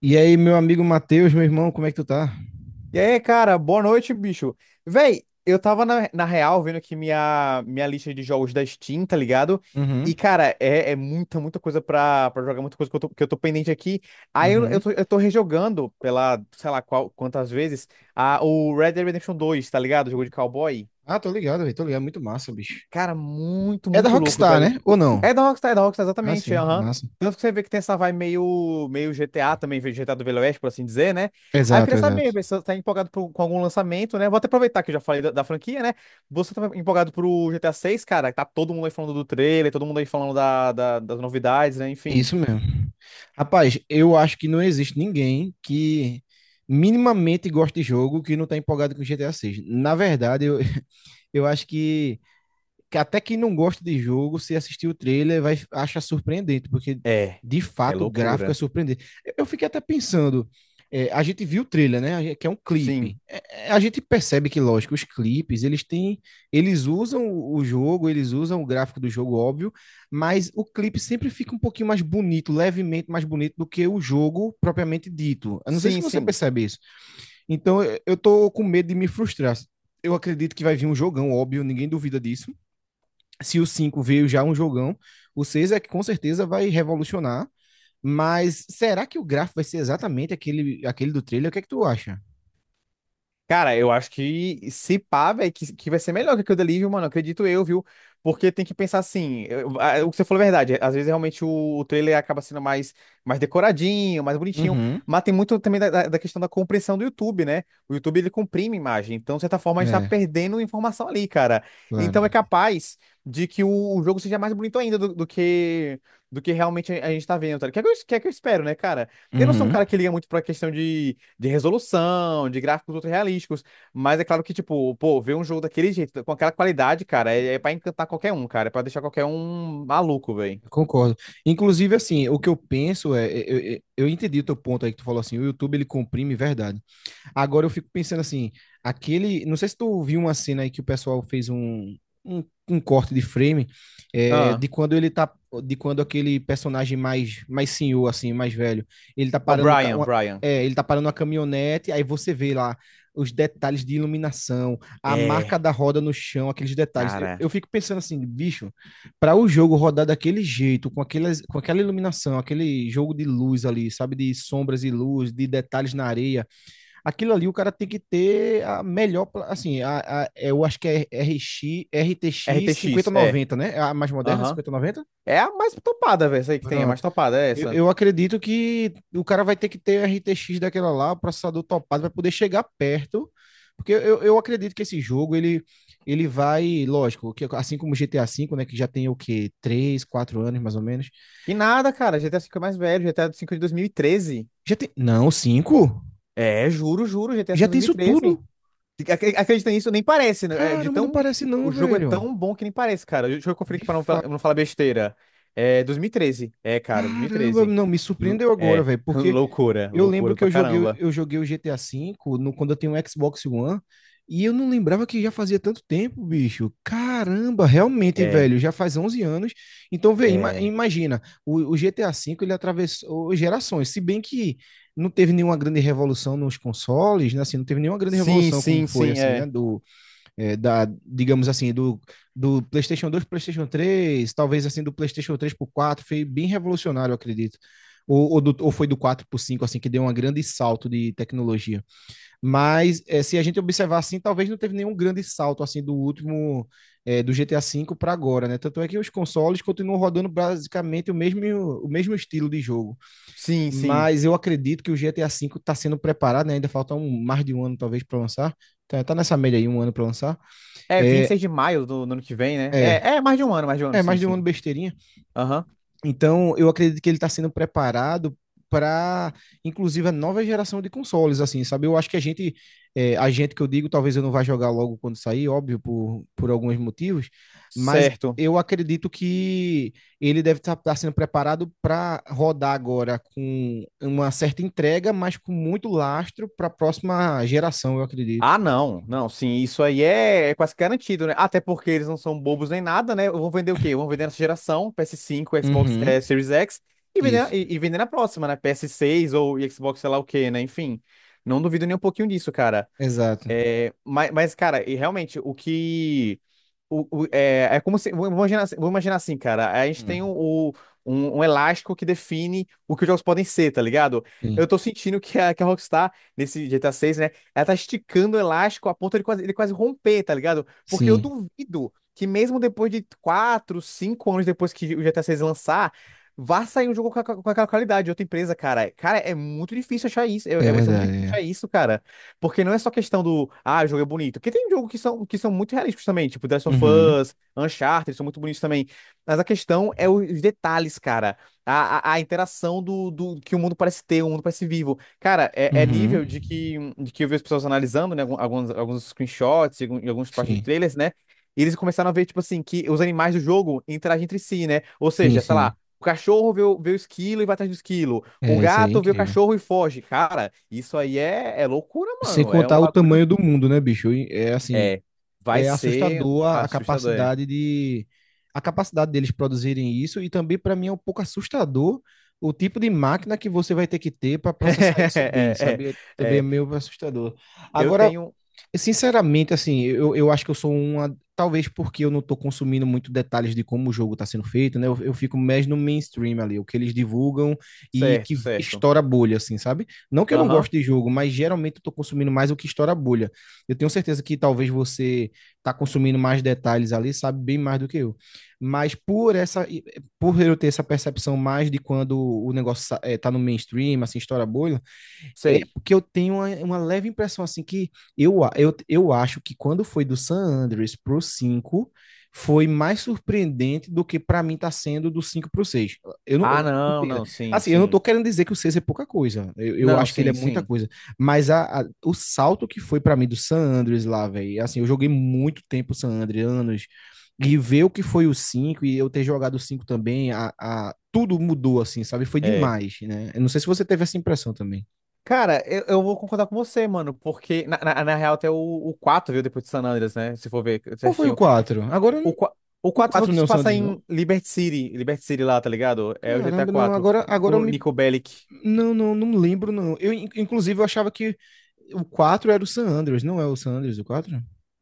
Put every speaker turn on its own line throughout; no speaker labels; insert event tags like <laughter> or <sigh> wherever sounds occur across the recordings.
E aí, meu amigo Matheus, meu irmão, como é que tu tá?
E aí, cara, boa noite, bicho. Véi, eu tava na real vendo aqui minha lista de jogos da Steam, tá ligado?
Uhum,
E, cara, é muita coisa pra jogar, muita coisa que eu tô pendente aqui. Aí eu, eu,
uhum.
tô, eu tô rejogando pela, sei lá qual, quantas vezes, o Red Dead Redemption dois, tá ligado? O jogo de cowboy.
Ah, tô ligado, velho. Tô ligado. Muito massa, bicho.
Cara, muito,
É da
muito louco,
Rockstar,
velho.
né? Ou não?
É da Rockstar,
Ah,
exatamente,
sim,
aham.
massa.
Tanto que você vê que tem essa vibe meio GTA também, meio GTA do Velho Oeste, por assim dizer, né? Aí eu
Exato,
queria
exato.
saber, você tá empolgado com algum lançamento, né? Vou até aproveitar que eu já falei da franquia, né? Você tá empolgado pro GTA 6, cara? Tá todo mundo aí falando do trailer, todo mundo aí falando das novidades, né?
É
Enfim.
isso mesmo. Rapaz, eu acho que não existe ninguém que minimamente goste de jogo que não tá empolgado com GTA 6. Na verdade, <laughs> eu acho que até quem não gosta de jogo, se assistir o trailer, vai achar surpreendente, porque
É,
de
é
fato o gráfico é
loucura.
surpreendente. Eu fiquei até pensando, a gente viu o trailer, né? Que é um
Sim,
clipe. A gente percebe que, lógico, os clipes eles têm, eles usam o jogo, eles usam o gráfico do jogo, óbvio, mas o clipe sempre fica um pouquinho mais bonito, levemente mais bonito do que o jogo propriamente dito. Eu não sei se
sim,
você
sim.
percebe isso. Então eu tô com medo de me frustrar. Eu acredito que vai vir um jogão, óbvio, ninguém duvida disso, se o 5 veio já um jogão, o 6 é que com certeza vai revolucionar. Mas será que o gráfico vai ser exatamente aquele, aquele do trailer? O que é que tu acha?
Cara, eu acho que se pá, velho, que vai ser melhor que aquilo dali, viu, mano? Acredito eu, viu? Porque tem que pensar assim, o que você falou é verdade, às vezes realmente o trailer acaba sendo mais decoradinho, mais bonitinho,
Uhum.
mas tem muito também da questão da compressão do YouTube, né? O YouTube, ele comprime imagem, então, de certa forma, a gente tá
É,
perdendo informação ali, cara. Então, é
claro.
capaz de que o jogo seja mais bonito ainda do que realmente a gente tá vendo, tá ligado? Que é o que é o que eu espero, né, cara? Eu não sou um
Uhum.
cara que liga muito pra questão de resolução, de gráficos ultra realísticos. Mas é claro que, tipo, pô, ver um jogo daquele jeito, com aquela qualidade, cara, é pra encantar qualquer um, cara. É pra deixar qualquer um maluco, velho.
Concordo. Inclusive, assim, o que eu penso é, eu entendi o teu ponto aí que tu falou assim, o YouTube ele comprime verdade. Agora eu fico pensando assim, aquele. Não sei se tu viu uma cena aí que o pessoal fez um, um corte de frame,
Ah,
de quando ele tá. De quando aquele personagem mais senhor, assim, mais velho, ele tá
o
parando
Brian, Brian.
é, ele tá parando uma caminhonete, aí você vê lá os detalhes de iluminação, a marca
É,
da roda no chão, aqueles detalhes. Eu,
cara.
eu fico pensando assim, bicho, para o jogo rodar daquele jeito, com aquela iluminação, aquele jogo de luz ali, sabe, de sombras e luz, de detalhes na areia, aquilo ali o cara tem que ter a melhor, é, eu acho que é RTX
RTX, é.
noventa, né? É a mais moderna,
Aham.
cinquenta noventa.
É a mais topada, velho, essa aí que tem. A mais
Pronto.
topada é
Eu,
essa.
eu acredito que o cara vai ter que ter RTX daquela lá, processador topado, para poder chegar perto, porque eu acredito que esse jogo, ele vai, lógico, que assim como o GTA V, né, que já tem o quê? Três, 4 anos, mais ou menos.
E nada, cara. GTA V é mais velho. GTA V de dois mil e treze.
Já tem, não, cinco.
É, juro, juro. GTA V
Já
de
tem
dois mil e
isso
treze.
tudo?
Acredita nisso, nem parece, né? É de
Caramba, não
tão...
parece
O
não,
jogo é
velho.
tão bom que nem parece, cara. Deixa eu conferir
De
aqui pra não
fato.
falar besteira. É 2013. É, cara,
Caramba,
2013.
não, me surpreendeu agora,
É.
velho,
<laughs>
porque
Loucura.
eu lembro
Loucura
que
pra caramba.
eu joguei o GTA V no, quando eu tenho um Xbox One, e eu não lembrava que já fazia tanto tempo, bicho. Caramba, realmente,
É.
velho, já faz 11 anos. Então, vê, ima-
É.
imagina, o GTA V ele atravessou gerações, se bem que não teve nenhuma grande revolução nos consoles, né, assim, não teve nenhuma grande
Sim,
revolução como
sim,
foi,
sim.
assim, né,
É.
digamos assim, do PlayStation 2 para o PlayStation 3, talvez assim do PlayStation 3 para 4, foi bem revolucionário, eu acredito. Ou foi do 4 para 5, assim, que deu um grande salto de tecnologia. Mas é, se a gente observar assim, talvez não teve nenhum grande salto assim do último, do GTA V para agora, né? Tanto é que os consoles continuam rodando basicamente o mesmo estilo de jogo.
Sim, sim.
Mas eu acredito que o GTA V está sendo preparado, né? Ainda falta mais de um ano, talvez, para lançar. Tá nessa média aí, um ano para lançar.
É
É,
26 de maio do ano que vem, né?
é,
É, é mais de um ano, mais de um ano,
é
sim,
mais de um ano,
sim.
besteirinha.
Aham.
Então, eu acredito que ele está sendo preparado para, inclusive, a nova geração de consoles, assim, sabe? Eu acho que a gente, a gente que eu digo, talvez eu não vá jogar logo quando sair, óbvio, por alguns motivos, mas
Certo.
eu acredito que ele deve estar sendo preparado para rodar agora com uma certa entrega, mas com muito lastro para a próxima geração, eu acredito.
Ah, não, não, sim, isso aí é quase garantido, né? Até porque eles não são bobos nem nada, né? Vão vender o quê? Vão vender nessa geração, PS5, Xbox,
Uhum.
Series X, e vender,
Isso,
e, e vender na próxima, né? PS6 ou Xbox, sei lá o quê, né? Enfim, não duvido nem um pouquinho disso, cara.
exato.
Mas cara, e realmente, o que. É, é como se. Vou imaginar assim, cara. A gente
Hum.
tem o, um elástico que define o que os jogos podem ser, tá ligado? Eu
Sim,
tô sentindo que a Rockstar, nesse GTA 6, né? Ela tá esticando o elástico a ponto de quase, ele quase romper, tá ligado? Porque eu
sim,
duvido que mesmo depois de 4, 5 anos depois que o GTA 6 lançar. Vá sair um jogo com, com aquela qualidade de outra empresa, cara. Cara, é muito difícil achar isso.
é
Vai ser muito
verdade.
difícil
É.
achar isso, cara. Porque não é só questão do, ah, o jogo é bonito. Porque tem jogos que são muito realísticos também, tipo The Last of
Uhum,
Us, Uncharted, são muito bonitos também. Mas a questão é os detalhes, cara. A interação do que o mundo parece ter, o mundo parece vivo. Cara, é, é
uhum.
nível de que eu vi as pessoas analisando, né, alguns screenshots e e algumas partes de
Sim,
trailers, né? E eles começaram a ver, tipo assim, que os animais do jogo interagem entre si, né? Ou
sim,
seja, sei lá,
sim.
o cachorro vê vê o esquilo e vai atrás do esquilo. O
É, isso aí é
gato vê o
incrível.
cachorro e foge. Cara, isso aí é loucura,
Sem
mano. É um
contar o
bagulho.
tamanho do mundo, né, bicho? E é assim,
É, vai
é
ser
assustador a
assustador. É,
capacidade de a capacidade deles produzirem isso, e também para mim é um pouco assustador o tipo de máquina que você vai ter que ter para processar isso bem,
<laughs>
sabe? É- Também é
é.
meio assustador.
Eu
Agora,
tenho.
sinceramente, assim, eu acho que eu sou uma. Talvez porque eu não tô consumindo muito detalhes de como o jogo tá sendo feito, né? Eu fico mais no mainstream ali, o que eles divulgam e
Certo,
que
certo.
estoura a bolha, assim, sabe? Não que eu não
Aham,
goste de jogo, mas geralmente eu tô consumindo mais o que estoura a bolha. Eu tenho certeza que talvez você tá consumindo mais detalhes ali, sabe bem mais do que eu. Mas por essa, por eu ter essa percepção mais de quando o negócio é, tá no mainstream, assim, estoura a bolha, é
sei.
porque eu tenho uma leve impressão, assim, que eu acho que quando foi do San Andreas pro 5 foi mais surpreendente do que para mim tá sendo do 5 pro 6. Eu não
Ah,
eu-
não,
entenda.
não, sim,
Assim, eu não tô
sim.
querendo dizer que o 6 é pouca coisa. Eu
Não,
acho que ele é
sim,
muita
sim.
coisa. Mas a, o salto que foi para mim do San Andreas lá, velho, assim, eu joguei muito tempo San Andreas, anos, e ver o que foi o cinco, e eu ter jogado o 5 também, tudo mudou, assim, sabe? Foi
É.
demais, né? Eu não sei se você teve essa impressão também.
Cara, eu vou concordar com você, mano, porque na real até o 4, viu, depois de San Andreas, né? Se for ver
Qual foi o
certinho.
4? Agora,
O, qua- o
o
4 foi o
4
que
não
se
é o
passa
Sanders, não?
em Liberty City, Liberty City lá, tá ligado? É o GTA
Caramba, não,
quatro,
agora, agora eu
o
me.
Nico Bellic.
Não me lembro, não. Eu, in- inclusive, eu achava que o quatro era o San Andreas, não é o San Andreas, o 4?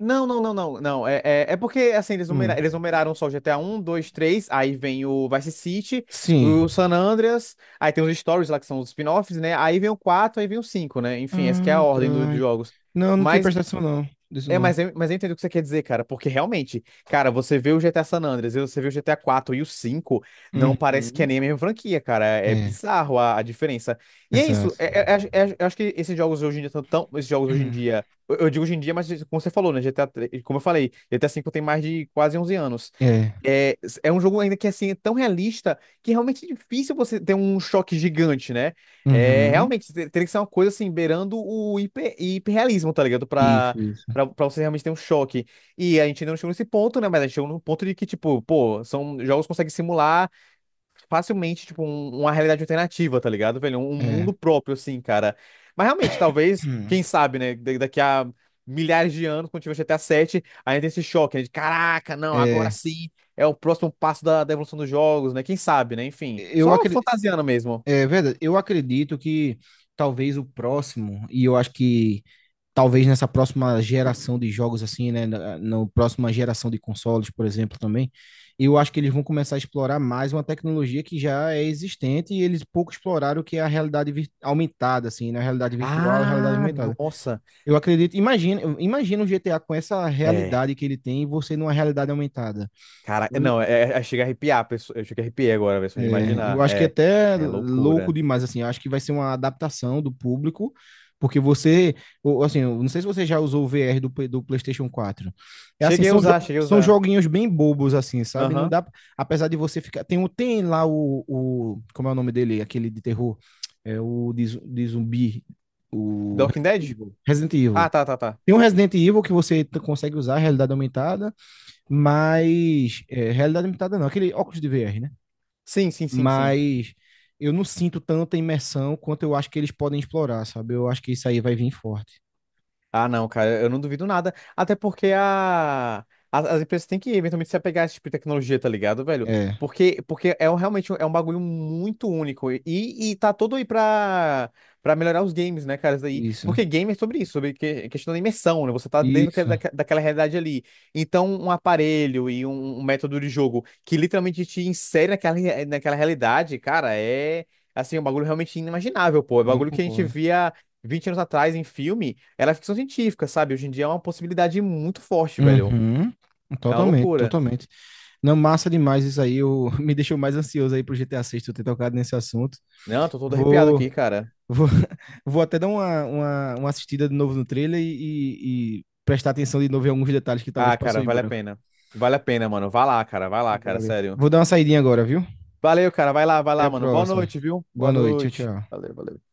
Não. É, é porque assim, eles
Hum,
numeraram, eles numeraram só o GTA um, 2, 3. Aí vem o Vice City,
sim.
o San Andreas, aí tem os stories lá que são os spin-offs, né? Aí vem o 4, aí vem o 5, né? Enfim, essa que é a
Ah, tá.
ordem dos jogos.
Não, não tinha
Mas
prestado atenção, não. Disso
é,
não.
mas eu entendo o que você quer dizer, cara, porque realmente, cara, você vê o GTA San Andreas, e você vê o GTA 4 e o 5, não parece que é
Uhum.
nem a mesma franquia, cara. É é
É,
bizarro a diferença. E é isso,
exato.
eu acho que esses jogos hoje em dia estão tão. Esses jogos hoje em
Hum,
dia. Eu digo hoje em dia, mas como você falou, né? Como eu falei, GTA 5 tem mais de quase 11 anos.
É.
É, é um jogo ainda que assim é tão realista que realmente é difícil você ter um choque gigante, né? É,
Uhum.
realmente, teria que ser uma coisa assim, beirando o hiperrealismo, tá ligado? Pra,
Isso, isso.
pra você realmente ter um choque. E a gente ainda não chegou nesse ponto, né? Mas a gente chegou num ponto de que, tipo, pô, são jogos que conseguem simular facilmente, tipo, uma realidade alternativa, tá ligado, velho? Um mundo
É.
próprio, assim, cara. Mas realmente, talvez,
Hum,
quem sabe, né? Daqui a milhares de anos, quando tiver G T A 7 ainda tem esse choque, né? De caraca, não, agora
é.
sim é o próximo passo da evolução dos jogos, né? Quem sabe, né? Enfim,
Eu
só
acredito.
fantasiando mesmo.
É verdade. Eu acredito que talvez o próximo, e eu acho que talvez nessa próxima geração de jogos, assim, né? Na próxima geração de consoles, por exemplo, também, eu acho que eles vão começar a explorar mais uma tecnologia que já é existente e eles pouco exploraram, o que é a realidade aumentada, assim, na, né? A realidade virtual e a realidade
Ah,
aumentada.
nossa.
Eu acredito, imagina, imagina o GTA com essa
É.
realidade que ele tem e você numa realidade aumentada.
Cara, é,
Sabe?
não, é, é, chega a arrepiar, eu cheguei a arrepiar agora, velho, só de
É, eu
imaginar.
acho que é
É,
até
é
louco
loucura.
demais, assim, eu acho que vai ser uma adaptação do público, porque você, ou, assim, eu não sei se você já usou o VR do, Play- do PlayStation 4. É assim,
Cheguei a
são,
usar, cheguei a
são
usar.
joguinhos bem bobos, assim, sabe? Não
Aham.
dá, apesar de você ficar, tem, tem lá como é o nome dele, aquele de terror, é o de, de zumbi, o
Walking
Resident
Dead?
Evil. Resident
Ah,
Evil.
tá, tá, tá.
Tem um Resident Evil que você consegue usar a realidade aumentada, mas, é, realidade aumentada não, aquele óculos de VR,
Sim, sim, sim, sim.
mas eu não sinto tanta imersão quanto eu acho que eles podem explorar, sabe? Eu acho que isso aí vai vir forte.
Ah, não, cara, eu não duvido nada. Até porque a... as empresas têm que eventualmente se apegar a esse tipo de tecnologia, tá ligado, velho?
É,
Porque é um- realmente um- é um bagulho muito único. E tá todo aí pra, pra melhorar os games, né, cara? Isso aí.
isso,
Porque game é sobre isso, sobre questão da imersão, né? Você tá dentro
isso,
daquela realidade ali. Então, um aparelho e um método de jogo que literalmente te insere naquela, naquela realidade, cara, é. Assim, um bagulho realmente inimaginável, pô. É um
não
bagulho que a gente
concordo.
via. 20 anos atrás em filme, era ficção científica, sabe? Hoje em dia é uma possibilidade muito forte, velho.
Uhum.
É uma
Totalmente,
loucura.
totalmente. Não, massa demais isso aí. Eu, <laughs> me deixou mais ansioso aí pro GTA 6 tu ter tocado nesse assunto.
Não, tô todo arrepiado aqui,
Vou,
cara.
vou, <laughs> vou até dar uma assistida de novo no trailer e, e prestar atenção de novo em alguns detalhes que talvez
Ah,
passou
cara,
em
vale a
branco.
pena. Vale a pena, mano. Vai lá, cara. Vai lá, cara.
Valeu.
Sério.
Vou dar uma saidinha agora, viu?
Valeu, cara. Vai
Até
lá,
a
mano. Boa
próxima.
noite, viu?
Boa
Boa
noite. Tchau,
noite.
tchau.
Valeu, valeu.